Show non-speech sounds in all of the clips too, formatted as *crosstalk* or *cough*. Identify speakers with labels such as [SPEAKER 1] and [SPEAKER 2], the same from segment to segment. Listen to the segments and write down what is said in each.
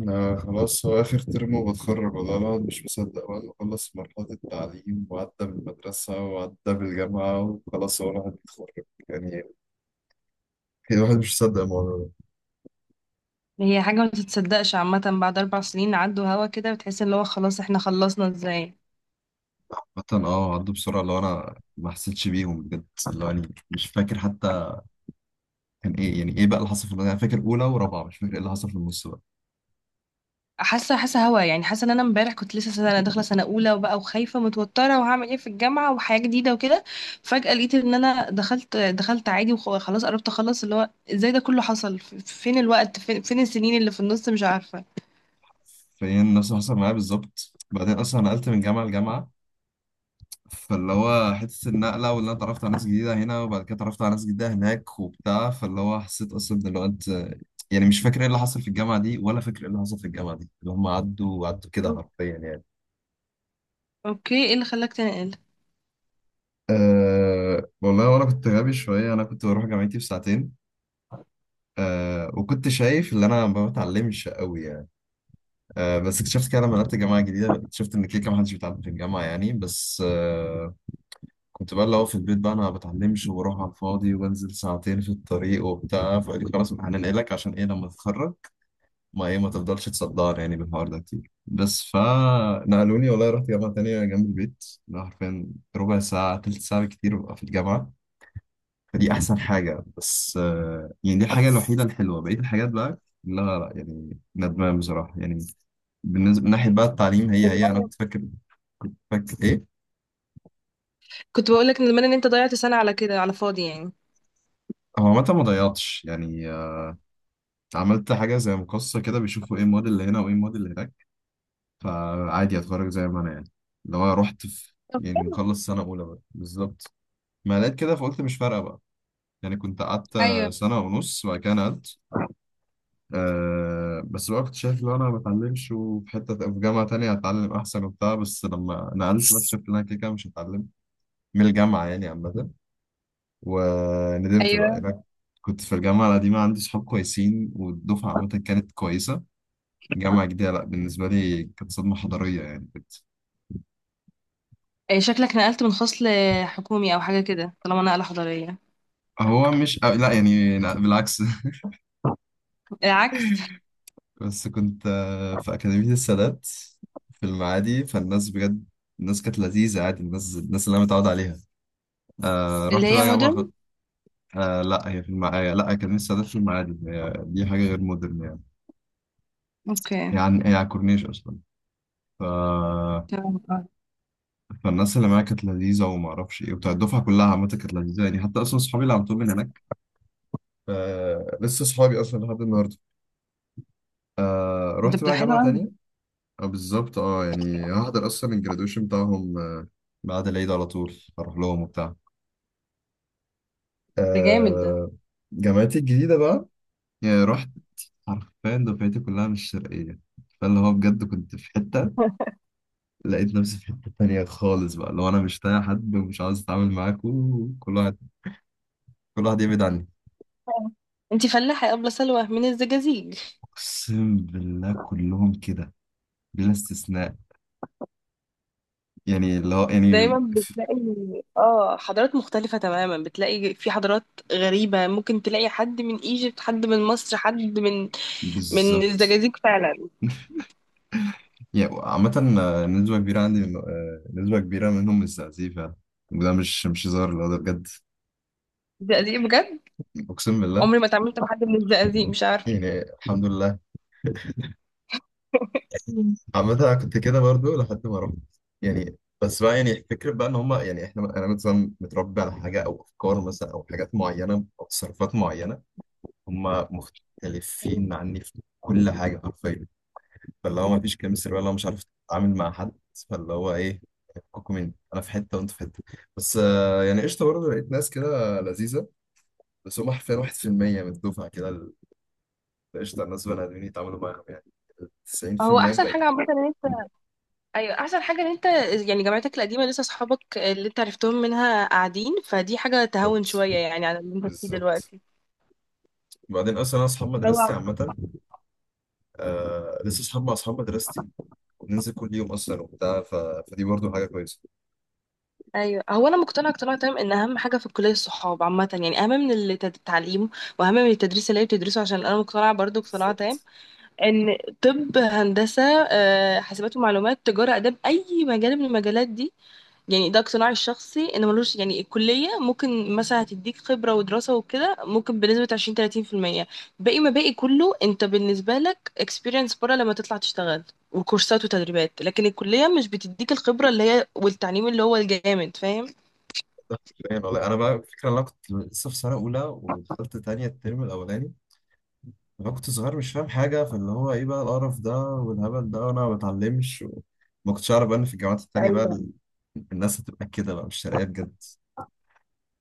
[SPEAKER 1] أنا خلاص هو آخر ترم وبتخرج، والله الواحد مش مصدق بعد ما خلص مرحلة التعليم وعدى بالمدرسة وعدى بالجامعة وخلاص هو الواحد بيتخرج يعني. الواحد مش مصدق الموضوع ده.
[SPEAKER 2] هي حاجة ما تتصدقش عامة، بعد 4 سنين عدوا هوا كده بتحس اللي هو خلاص احنا خلصنا ازاي.
[SPEAKER 1] عامة عدوا بسرعة اللي هو أنا ما حسيتش بيهم بجد، اللي هو يعني مش فاكر حتى كان إيه، يعني إيه بقى اللي حصل في الأولى. أنا فاكر أولى ورابعة، مش فاكر إيه اللي حصل في النص بقى.
[SPEAKER 2] حاسة حاسة هوا يعني حاسة ان انا امبارح كنت لسه سنة داخلة سنة أولى وبقى وخايفة متوترة وهعمل ايه في الجامعة وحياة جديدة وكده. فجأة لقيت ان انا دخلت عادي وخلاص قربت اخلص اللي هو ازاي ده كله حصل، فين الوقت، فين السنين اللي في النص، مش عارفة.
[SPEAKER 1] فهي نفس اللي حصل معايا بالظبط. بعدين أصلا أنا نقلت من جامعة لجامعة، فاللي هو حتة النقلة واللي أنا اتعرفت على ناس جديدة هنا وبعد كده اتعرفت على ناس جديدة هناك وبتاع، فاللي هو حسيت أصلا إن الوقت يعني مش فاكر إيه اللي حصل في الجامعة دي ولا فاكر إيه اللي حصل في الجامعة دي، اللي هم عدوا عدوا كده حرفيا يعني.
[SPEAKER 2] اوكي، ايه اللي خلاك تنقل؟
[SPEAKER 1] أه والله وأنا كنت غبي شوية، أنا كنت بروح جامعتي في ساعتين. أه وكنت شايف إن أنا ما بتعلمش قوي يعني. أه بس اكتشفت كده لما نقلت جامعة جديدة، اكتشفت إن كده كده محدش بيتعلم في الجامعة يعني. بس كنت بقى اللي هو في البيت بقى انا ما بتعلمش وبروح على الفاضي وبنزل ساعتين في الطريق وبتاع، فقال لي خلاص هننقلك عشان ايه لما تتخرج، ما ايه ما تفضلش تصدعني يعني بالحوار ده كتير. بس فنقلوني والله، رحت جامعة تانية جنب البيت أنا حرفيا ربع ساعة تلت ساعة كتير ببقى في الجامعة. فدي أحسن حاجة. بس يعني دي الحاجة الوحيدة الحلوة، بقية الحاجات بقى لا لا يعني ندمان بصراحة يعني. بالنسبة من ناحية بقى التعليم، هي أنا كنت فاكر إيه.
[SPEAKER 2] كنت بقولك ان زمان ان انت ضيعت سنة على كده، على فاضي يعني.
[SPEAKER 1] هو عامة ما ضيعتش يعني، عملت حاجة زي مقصة كده، بيشوفوا ايه المواد اللي هنا وايه المواد اللي هناك، فعادي اتخرج زي ما انا يعني. اللي هو رحت في
[SPEAKER 2] طب
[SPEAKER 1] يعني
[SPEAKER 2] حلو.
[SPEAKER 1] مخلص سنة أولى بقى بالظبط، ما لقيت كده فقلت مش فارقة بقى. يعني كنت قعدت
[SPEAKER 2] ايوه.
[SPEAKER 1] سنة ونص وبعد كده نقلت. أه بس بقى كنت شايف لو أنا ما بتعلمش وفي حتة في جامعة تانية هتعلم أحسن وبتاع، بس لما نقلت بس شفت إن أنا كده كده مش هتعلم من الجامعة يعني عامة. وندمت بقى يعني.
[SPEAKER 2] ايوه.
[SPEAKER 1] أنا كنت في الجامعة القديمة عندي صحاب كويسين والدفعة عامة كانت كويسة. جامعة جديدة لا، بالنسبة لي كانت صدمة حضارية يعني كنت.
[SPEAKER 2] إيه شكلك نقلت من فصل حكومي او حاجه كده طالما نقله حضاريه؟
[SPEAKER 1] هو مش، أو لا يعني، لا بالعكس.
[SPEAKER 2] العكس.
[SPEAKER 1] *laughs* بس كنت في أكاديمية السادات في المعادي. فالناس بجد الناس كانت لذيذة عادي، الناس اللي أنا متعود عليها. آه
[SPEAKER 2] اللي
[SPEAKER 1] رحت
[SPEAKER 2] هي
[SPEAKER 1] بقى جامعة
[SPEAKER 2] مودرن.
[SPEAKER 1] آه لا، هي في المعادي، لا أكاديمية السادات في المعادي، هي دي حاجة غير مودرن يعني.
[SPEAKER 2] اوكي.
[SPEAKER 1] يعني هي على الكورنيش أصلا. ف...
[SPEAKER 2] تمام آه.
[SPEAKER 1] فالناس اللي معايا كانت لذيذة وما أعرفش إيه وبتاع، الدفعة كلها عامة كانت لذيذة يعني. حتى أصلا صحابي اللي على طول من هناك، آه لسه صحابي أصلا لحد النهاردة. آه
[SPEAKER 2] ده
[SPEAKER 1] رحت
[SPEAKER 2] ده
[SPEAKER 1] بقى
[SPEAKER 2] حلو
[SPEAKER 1] جامعة
[SPEAKER 2] قوي.
[SPEAKER 1] تانية. آه بالظبط اه، يعني هحضر اصلا الجرادويشن بتاعهم آه، بعد العيد على طول هروح لهم وبتاع.
[SPEAKER 2] ده جامد ده.
[SPEAKER 1] آه جامعتي الجديدة بقى، يعني رحت حرفيا دفعتي كلها مش شرقية. فاللي هو بجد كنت في حتة، لقيت نفسي في حتة تانية خالص بقى، اللي هو انا مش طايق حد ومش عاوز اتعامل معاكوا، كل واحد كل واحد يبعد عني.
[SPEAKER 2] آه. انتي فلاحه يا ابله سلوى من الزجاجيج؟
[SPEAKER 1] اقسم بالله كلهم كده بلا استثناء، يعني اللي هو يعني
[SPEAKER 2] دايما بتلاقي اه حضارات مختلفه تماما، بتلاقي في حضارات غريبه، ممكن تلاقي حد من ايجيبت حد من مصر حد من من
[SPEAKER 1] بالظبط.
[SPEAKER 2] الزجاجيج فعلا.
[SPEAKER 1] يعني عامة نسبة كبيرة عندي نسبة كبيرة منهم مستهزئين فعلا، وده مش هزار، لا ده بجد.
[SPEAKER 2] الزقازيق بجد.
[SPEAKER 1] أقسم بالله.
[SPEAKER 2] عمري ما اتعاملت مع حد من الزقازيق، مش عارفه.
[SPEAKER 1] يعني الحمد لله. *laughs* مم. عامة أنا كنت كده برضو لحد ما رحت يعني. بس بقى يعني فكرة بقى إن هما يعني إحنا، أنا مثلا متربي على حاجة أو أفكار مثلا أو حاجات معينة أو تصرفات معينة، هما مختلفين عني في كل حاجة حرفيا. فاللي هو مفيش كيمستري ولا مش عارف اتعامل مع حد، فاللي هو ايه، فكوا مني انا في حته وانت في حته. بس يعني قشطه برضه لقيت ناس كده لذيذه، بس هم حرفيا 1% من الدفعه كده قشطه الناس بني ادمين يتعاملوا معاهم يعني،
[SPEAKER 2] هو
[SPEAKER 1] 90%
[SPEAKER 2] احسن
[SPEAKER 1] الباقيين.
[SPEAKER 2] حاجه عامه ان انت، ايوه احسن حاجه ان انت يعني جامعتك القديمه لسه اصحابك اللي انت عرفتهم منها قاعدين، فدي حاجه تهون
[SPEAKER 1] بالظبط
[SPEAKER 2] شويه يعني على اللي انت فيه
[SPEAKER 1] بالظبط.
[SPEAKER 2] دلوقتي.
[SPEAKER 1] وبعدين اصلا انا اصحاب مدرستي
[SPEAKER 2] هو.
[SPEAKER 1] عامه، آه لسه اصحاب مع اصحاب مدرستي وبننزل كل يوم اصلا وبتاع. فدي برضه حاجه كويسه.
[SPEAKER 2] ايوه، هو انا مقتنعه اقتناع تام ان اهم حاجه في الكليه الصحاب عامه يعني، اهم من التعليم واهم من التدريس اللي هي بتدرسه، عشان انا مقتنعه برضو اقتناع تام
[SPEAKER 1] بالظبط،
[SPEAKER 2] ان طب، هندسه، آه، حاسبات ومعلومات، تجاره، اداب، اي مجال من المجالات دي، يعني ده اقتناعي الشخصي ان ملوش يعني. الكلية ممكن مثلا هتديك خبرة ودراسة وكده ممكن بنسبة 20-30%، باقي ما باقي كله انت بالنسبة لك experience برا لما تطلع تشتغل وكورسات وتدريبات، لكن الكلية مش بتديك الخبرة اللي هي والتعليم اللي هو الجامد، فاهم؟
[SPEAKER 1] يعني والله انا بقى الفكره إن انا كنت لسه في سنه اولى ودخلت تانية الترم الاولاني، انا كنت صغير مش فاهم حاجه، فاللي هو ايه بقى القرف ده والهبل ده وانا ما بتعلمش وما كنتش اعرف بقى ان في الجامعات التانيه بقى
[SPEAKER 2] ايوه
[SPEAKER 1] الناس هتبقى كده بقى مش شرقيه بجد.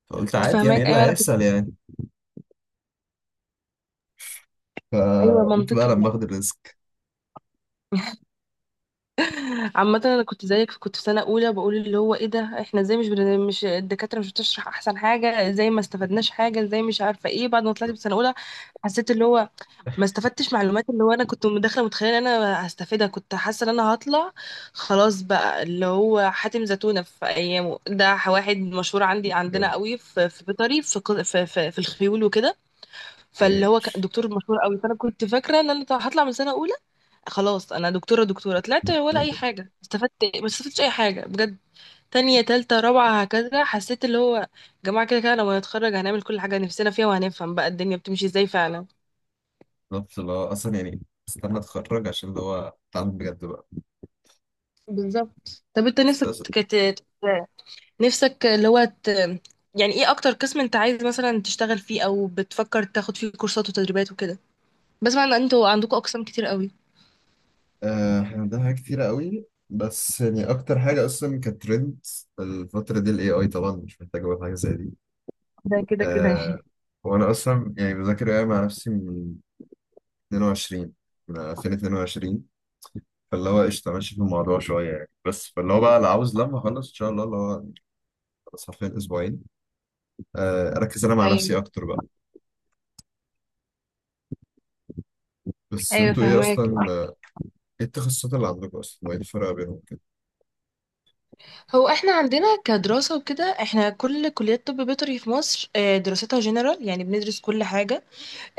[SPEAKER 1] فقلت عادي، يعني ايه
[SPEAKER 2] فهماك.
[SPEAKER 1] اللي
[SPEAKER 2] ايوه انا كنت
[SPEAKER 1] هيحصل يعني،
[SPEAKER 2] ايوه
[SPEAKER 1] فقلت بقى
[SPEAKER 2] منطقي.
[SPEAKER 1] لما اخد الريسك.
[SPEAKER 2] عامة انا كنت زيك، كنت في سنة اولى بقول اللي هو ايه ده، احنا ازاي مش الدكاترة مش بتشرح احسن حاجة، ازاي ما استفدناش حاجة، ازاي مش عارفة ايه. بعد ما طلعت في
[SPEAKER 1] بالظبط.
[SPEAKER 2] سنة اولى حسيت اللي هو ما استفدتش معلومات، اللي هو انا كنت داخله متخيله ان انا هستفيدها، كنت حاسه ان انا هطلع خلاص بقى اللي هو حاتم زتونه في ايامه ده واحد مشهور عندي عندنا
[SPEAKER 1] بجد.
[SPEAKER 2] قوي في في بيطري في الخيول وكده، فاللي
[SPEAKER 1] ايه
[SPEAKER 2] هو كان
[SPEAKER 1] ماشي.
[SPEAKER 2] دكتور مشهور قوي، فانا كنت فاكره ان انا هطلع من سنه اولى خلاص انا دكتوره دكتوره طلعت ولا اي حاجه استفدت، ما استفدتش اي حاجه بجد. تانية تالتة رابعة هكذا حسيت اللي هو جماعة كده كده لما نتخرج هنعمل كل حاجة نفسنا فيها وهنفهم بقى الدنيا بتمشي ازاي فعلا.
[SPEAKER 1] بالظبط اللي هو اصلا يعني استنى اتخرج عشان اللي هو اتعلم بجد بقى.
[SPEAKER 2] بالظبط، طب انت نفسك
[SPEAKER 1] استاذ،
[SPEAKER 2] نفسك اللي هو يعني ايه اكتر قسم انت عايز مثلا تشتغل فيه او بتفكر تاخد فيه كورسات وتدريبات وكده؟ بسمع ان انتوا عندكم اقسام كتير قوي.
[SPEAKER 1] آه، احنا عندنا حاجات كتيره قوي، بس يعني اكتر حاجه اصلا كانت ترند الفتره دي الاي اي، طبعا مش محتاج اقول حاجه زي دي.
[SPEAKER 2] ده كده كده
[SPEAKER 1] آه
[SPEAKER 2] يعني.
[SPEAKER 1] وانا اصلا يعني بذاكر ايه مع نفسي من 22، من 2022. فاللي هو قشطه ماشي في الموضوع شويه يعني، بس فاللي هو بقى اللي عاوز لما اخلص ان شاء الله اللي هو، بس حرفيا اسبوعين آه اركز انا مع نفسي
[SPEAKER 2] ايوه.
[SPEAKER 1] اكتر بقى. بس
[SPEAKER 2] ايوه
[SPEAKER 1] انتوا ايه
[SPEAKER 2] فهماك.
[SPEAKER 1] اصلا آه، ايه التخصصات اللي عندكم اصلا وايه الفرق بينهم كده؟
[SPEAKER 2] هو احنا عندنا كدراسه وكده، احنا كل كليات طب بيطري في مصر، آه، دراستها جنرال، يعني بندرس كل حاجه.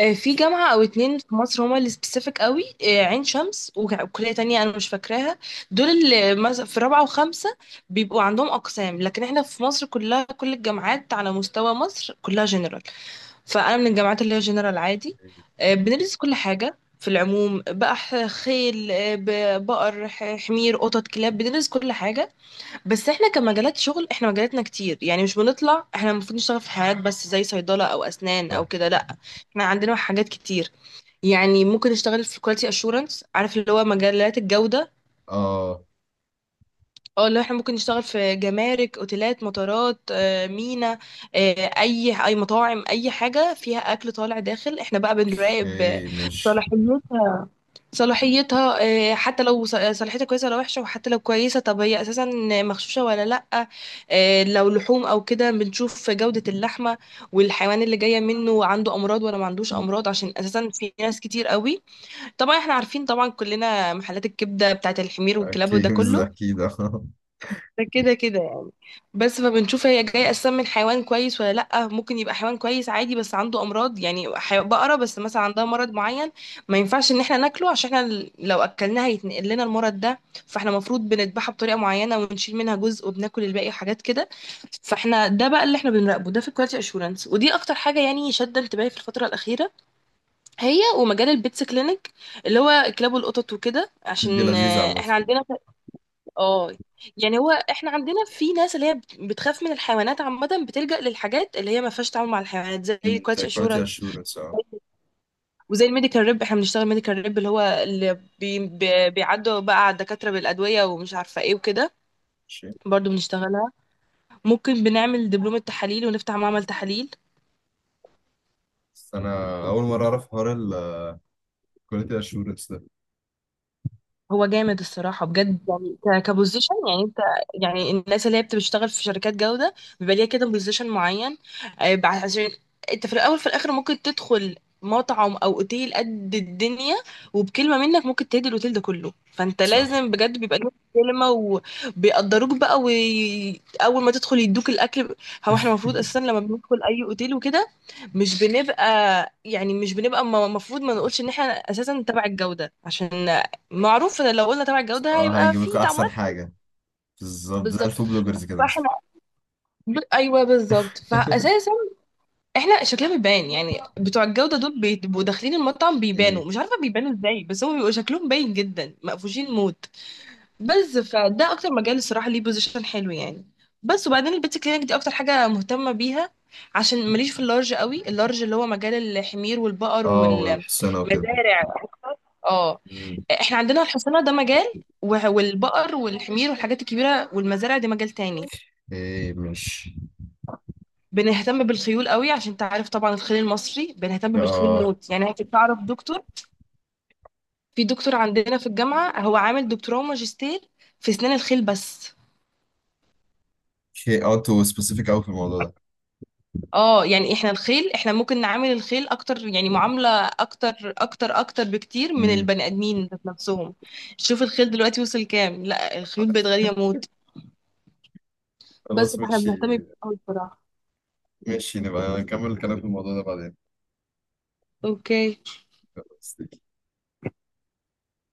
[SPEAKER 2] آه، في جامعة أو 2 في مصر هما اللي سبيسيفيك قوي، آه، عين شمس وكلية تانية أنا مش فاكراها، دول اللي في رابعة وخمسة بيبقوا عندهم أقسام، لكن احنا في مصر كلها، كل الجامعات على مستوى مصر كلها جنرال، فأنا من الجامعات اللي هي جنرال عادي. آه، بندرس كل حاجة في العموم بقى خيل، آه، بقر حمير قطط كلاب، بندرس كل حاجة. بس احنا كمجالات شغل احنا مجالاتنا كتير، يعني مش بنطلع احنا المفروض نشتغل في حاجات بس زي صيدلة او اسنان او
[SPEAKER 1] صح.
[SPEAKER 2] كده، لا احنا عندنا حاجات كتير. يعني ممكن نشتغل في كواليتي اشورنس، عارف اللي هو مجالات الجودة،
[SPEAKER 1] اه.
[SPEAKER 2] اه اللي احنا ممكن نشتغل في جمارك، اوتيلات، مطارات، آه، مينا، آه، اي اي مطاعم اي حاجة فيها اكل طالع داخل، احنا بقى بنراقب آه،
[SPEAKER 1] اوكي ماشي.
[SPEAKER 2] صلاحية صلاحيتها، آه، حتى لو آه، صلاحيتها كويسه ولا وحشه، وحتى لو كويسه طب هي اساسا مغشوشه ولا لا، آه، لو لحوم او كده بنشوف جوده اللحمه، والحيوان اللي جايه منه عنده امراض ولا ما عندوش امراض، عشان اساسا في ناس كتير قوي، طبعا احنا عارفين طبعا كلنا محلات الكبده بتاعت الحمير والكلاب
[SPEAKER 1] اوكي
[SPEAKER 2] وده
[SPEAKER 1] مش
[SPEAKER 2] كله،
[SPEAKER 1] اكيد. *laughs* آه.
[SPEAKER 2] ده كده كده، بس فبنشوف هي جاية أساسا من حيوان كويس ولا لأ. ممكن يبقى حيوان كويس عادي بس عنده أمراض، يعني بقرة بس مثلا عندها مرض معين ما ينفعش إن احنا ناكله عشان احنا لو أكلناها هيتنقل لنا المرض ده، فاحنا المفروض بنذبحها بطريقة معينة ونشيل منها جزء وبناكل الباقي وحاجات كده، فاحنا ده بقى اللي احنا بنراقبه، ده في الكواليتي اشورنس، ودي اكتر حاجه يعني شادة انتباهي في الفتره الاخيره، هي ومجال البيتس كلينيك اللي هو كلاب والقطط وكده،
[SPEAKER 1] دي
[SPEAKER 2] عشان
[SPEAKER 1] لذيذه
[SPEAKER 2] آه،
[SPEAKER 1] عامه.
[SPEAKER 2] احنا عندنا اه يعني، هو احنا عندنا في ناس اللي هي بتخاف من الحيوانات عامة، بتلجأ للحاجات اللي هي ما فيهاش تعامل مع الحيوانات زي
[SPEAKER 1] مم، زي
[SPEAKER 2] الكواليتي
[SPEAKER 1] كواليتي
[SPEAKER 2] اشورنس،
[SPEAKER 1] اشورنس اه.
[SPEAKER 2] وزي الميديكال ريب، احنا بنشتغل ميديكال ريب اللي هو اللي بيعدوا بقى على الدكاترة بالأدوية ومش عارفة ايه وكده،
[SPEAKER 1] ماشي.
[SPEAKER 2] برضو بنشتغلها، ممكن بنعمل دبلومة تحاليل ونفتح معمل تحاليل.
[SPEAKER 1] بس انا اول مره اعرف حوار الكواليتي اشورنس ده.
[SPEAKER 2] هو جامد الصراحة بجد يعني كبوزيشن يعني انت، يعني الناس اللي هي بتشتغل في شركات جودة بيبقى ليها كده بوزيشن معين، آه، عشان انت في الأول في الآخر ممكن تدخل مطعم أو أوتيل قد الدنيا، وبكلمة منك ممكن تهدي الأوتيل ده كله، فانت
[SPEAKER 1] صح.
[SPEAKER 2] لازم بجد بيبقى ليك كلمة وبيقدروك بقى، وأول ما تدخل يدوك الأكل. هو احنا المفروض أساسا لما بندخل أي أوتيل وكده مش بنبقى، يعني مش بنبقى المفروض ما نقولش ان احنا اساسا تبع الجوده، عشان معروف ان لو قلنا تبع الجودة
[SPEAKER 1] اه
[SPEAKER 2] هيبقى
[SPEAKER 1] هيجيب
[SPEAKER 2] في
[SPEAKER 1] لكم احسن
[SPEAKER 2] تعاملات،
[SPEAKER 1] حاجه، بالظبط زي
[SPEAKER 2] بالظبط.
[SPEAKER 1] الفود بلوجرز كده
[SPEAKER 2] فاحنا
[SPEAKER 1] مثلا.
[SPEAKER 2] ايوه بالظبط،
[SPEAKER 1] *laughs*
[SPEAKER 2] فاساسا احنا شكلها بيبان، يعني بتوع الجودة دول بيبقوا داخلين المطعم
[SPEAKER 1] مم.
[SPEAKER 2] بيبانوا، مش عارفة بيبانوا ازاي بس هم بيبقوا شكلهم باين جدا مقفوشين موت، بس فده اكتر مجال الصراحة ليه بوزيشن حلو يعني. بس وبعدين البيت كلينك دي اكتر حاجة مهتمة بيها عشان ماليش في اللارج قوي، اللارج اللي هو مجال الحمير والبقر
[SPEAKER 1] اه
[SPEAKER 2] والمزارع.
[SPEAKER 1] والحصانه وكده.
[SPEAKER 2] اه
[SPEAKER 1] مم.
[SPEAKER 2] احنا عندنا الحصانة ده مجال والبقر والحمير والحاجات الكبيرة والمزارع دي مجال تاني.
[SPEAKER 1] ايه ماشي.
[SPEAKER 2] بنهتم بالخيول قوي عشان انت عارف طبعا الخيل المصري، بنهتم بالخيول
[SPEAKER 1] اه
[SPEAKER 2] موت، يعني انت تعرف دكتور؟ في دكتور عندنا في الجامعة هو عامل دكتوراه وماجستير في اسنان الخيل بس.
[SPEAKER 1] اوكي اه، تو سبيسيفيك قوي في الموضوع ده.
[SPEAKER 2] اه يعني احنا الخيل احنا ممكن نعامل الخيل اكتر يعني معاملة اكتر اكتر اكتر بكتير من
[SPEAKER 1] مم.
[SPEAKER 2] البني ادمين ذات نفسهم. شوف الخيل دلوقتي وصل كام، لا الخيول بقت غالية موت، بس
[SPEAKER 1] خلاص
[SPEAKER 2] فاحنا
[SPEAKER 1] ماشي.
[SPEAKER 2] بنهتم بيه أوي بصراحة.
[SPEAKER 1] ماشي نبقى نكمل الكلام في الموضوع ده
[SPEAKER 2] اوكي.
[SPEAKER 1] بعدين.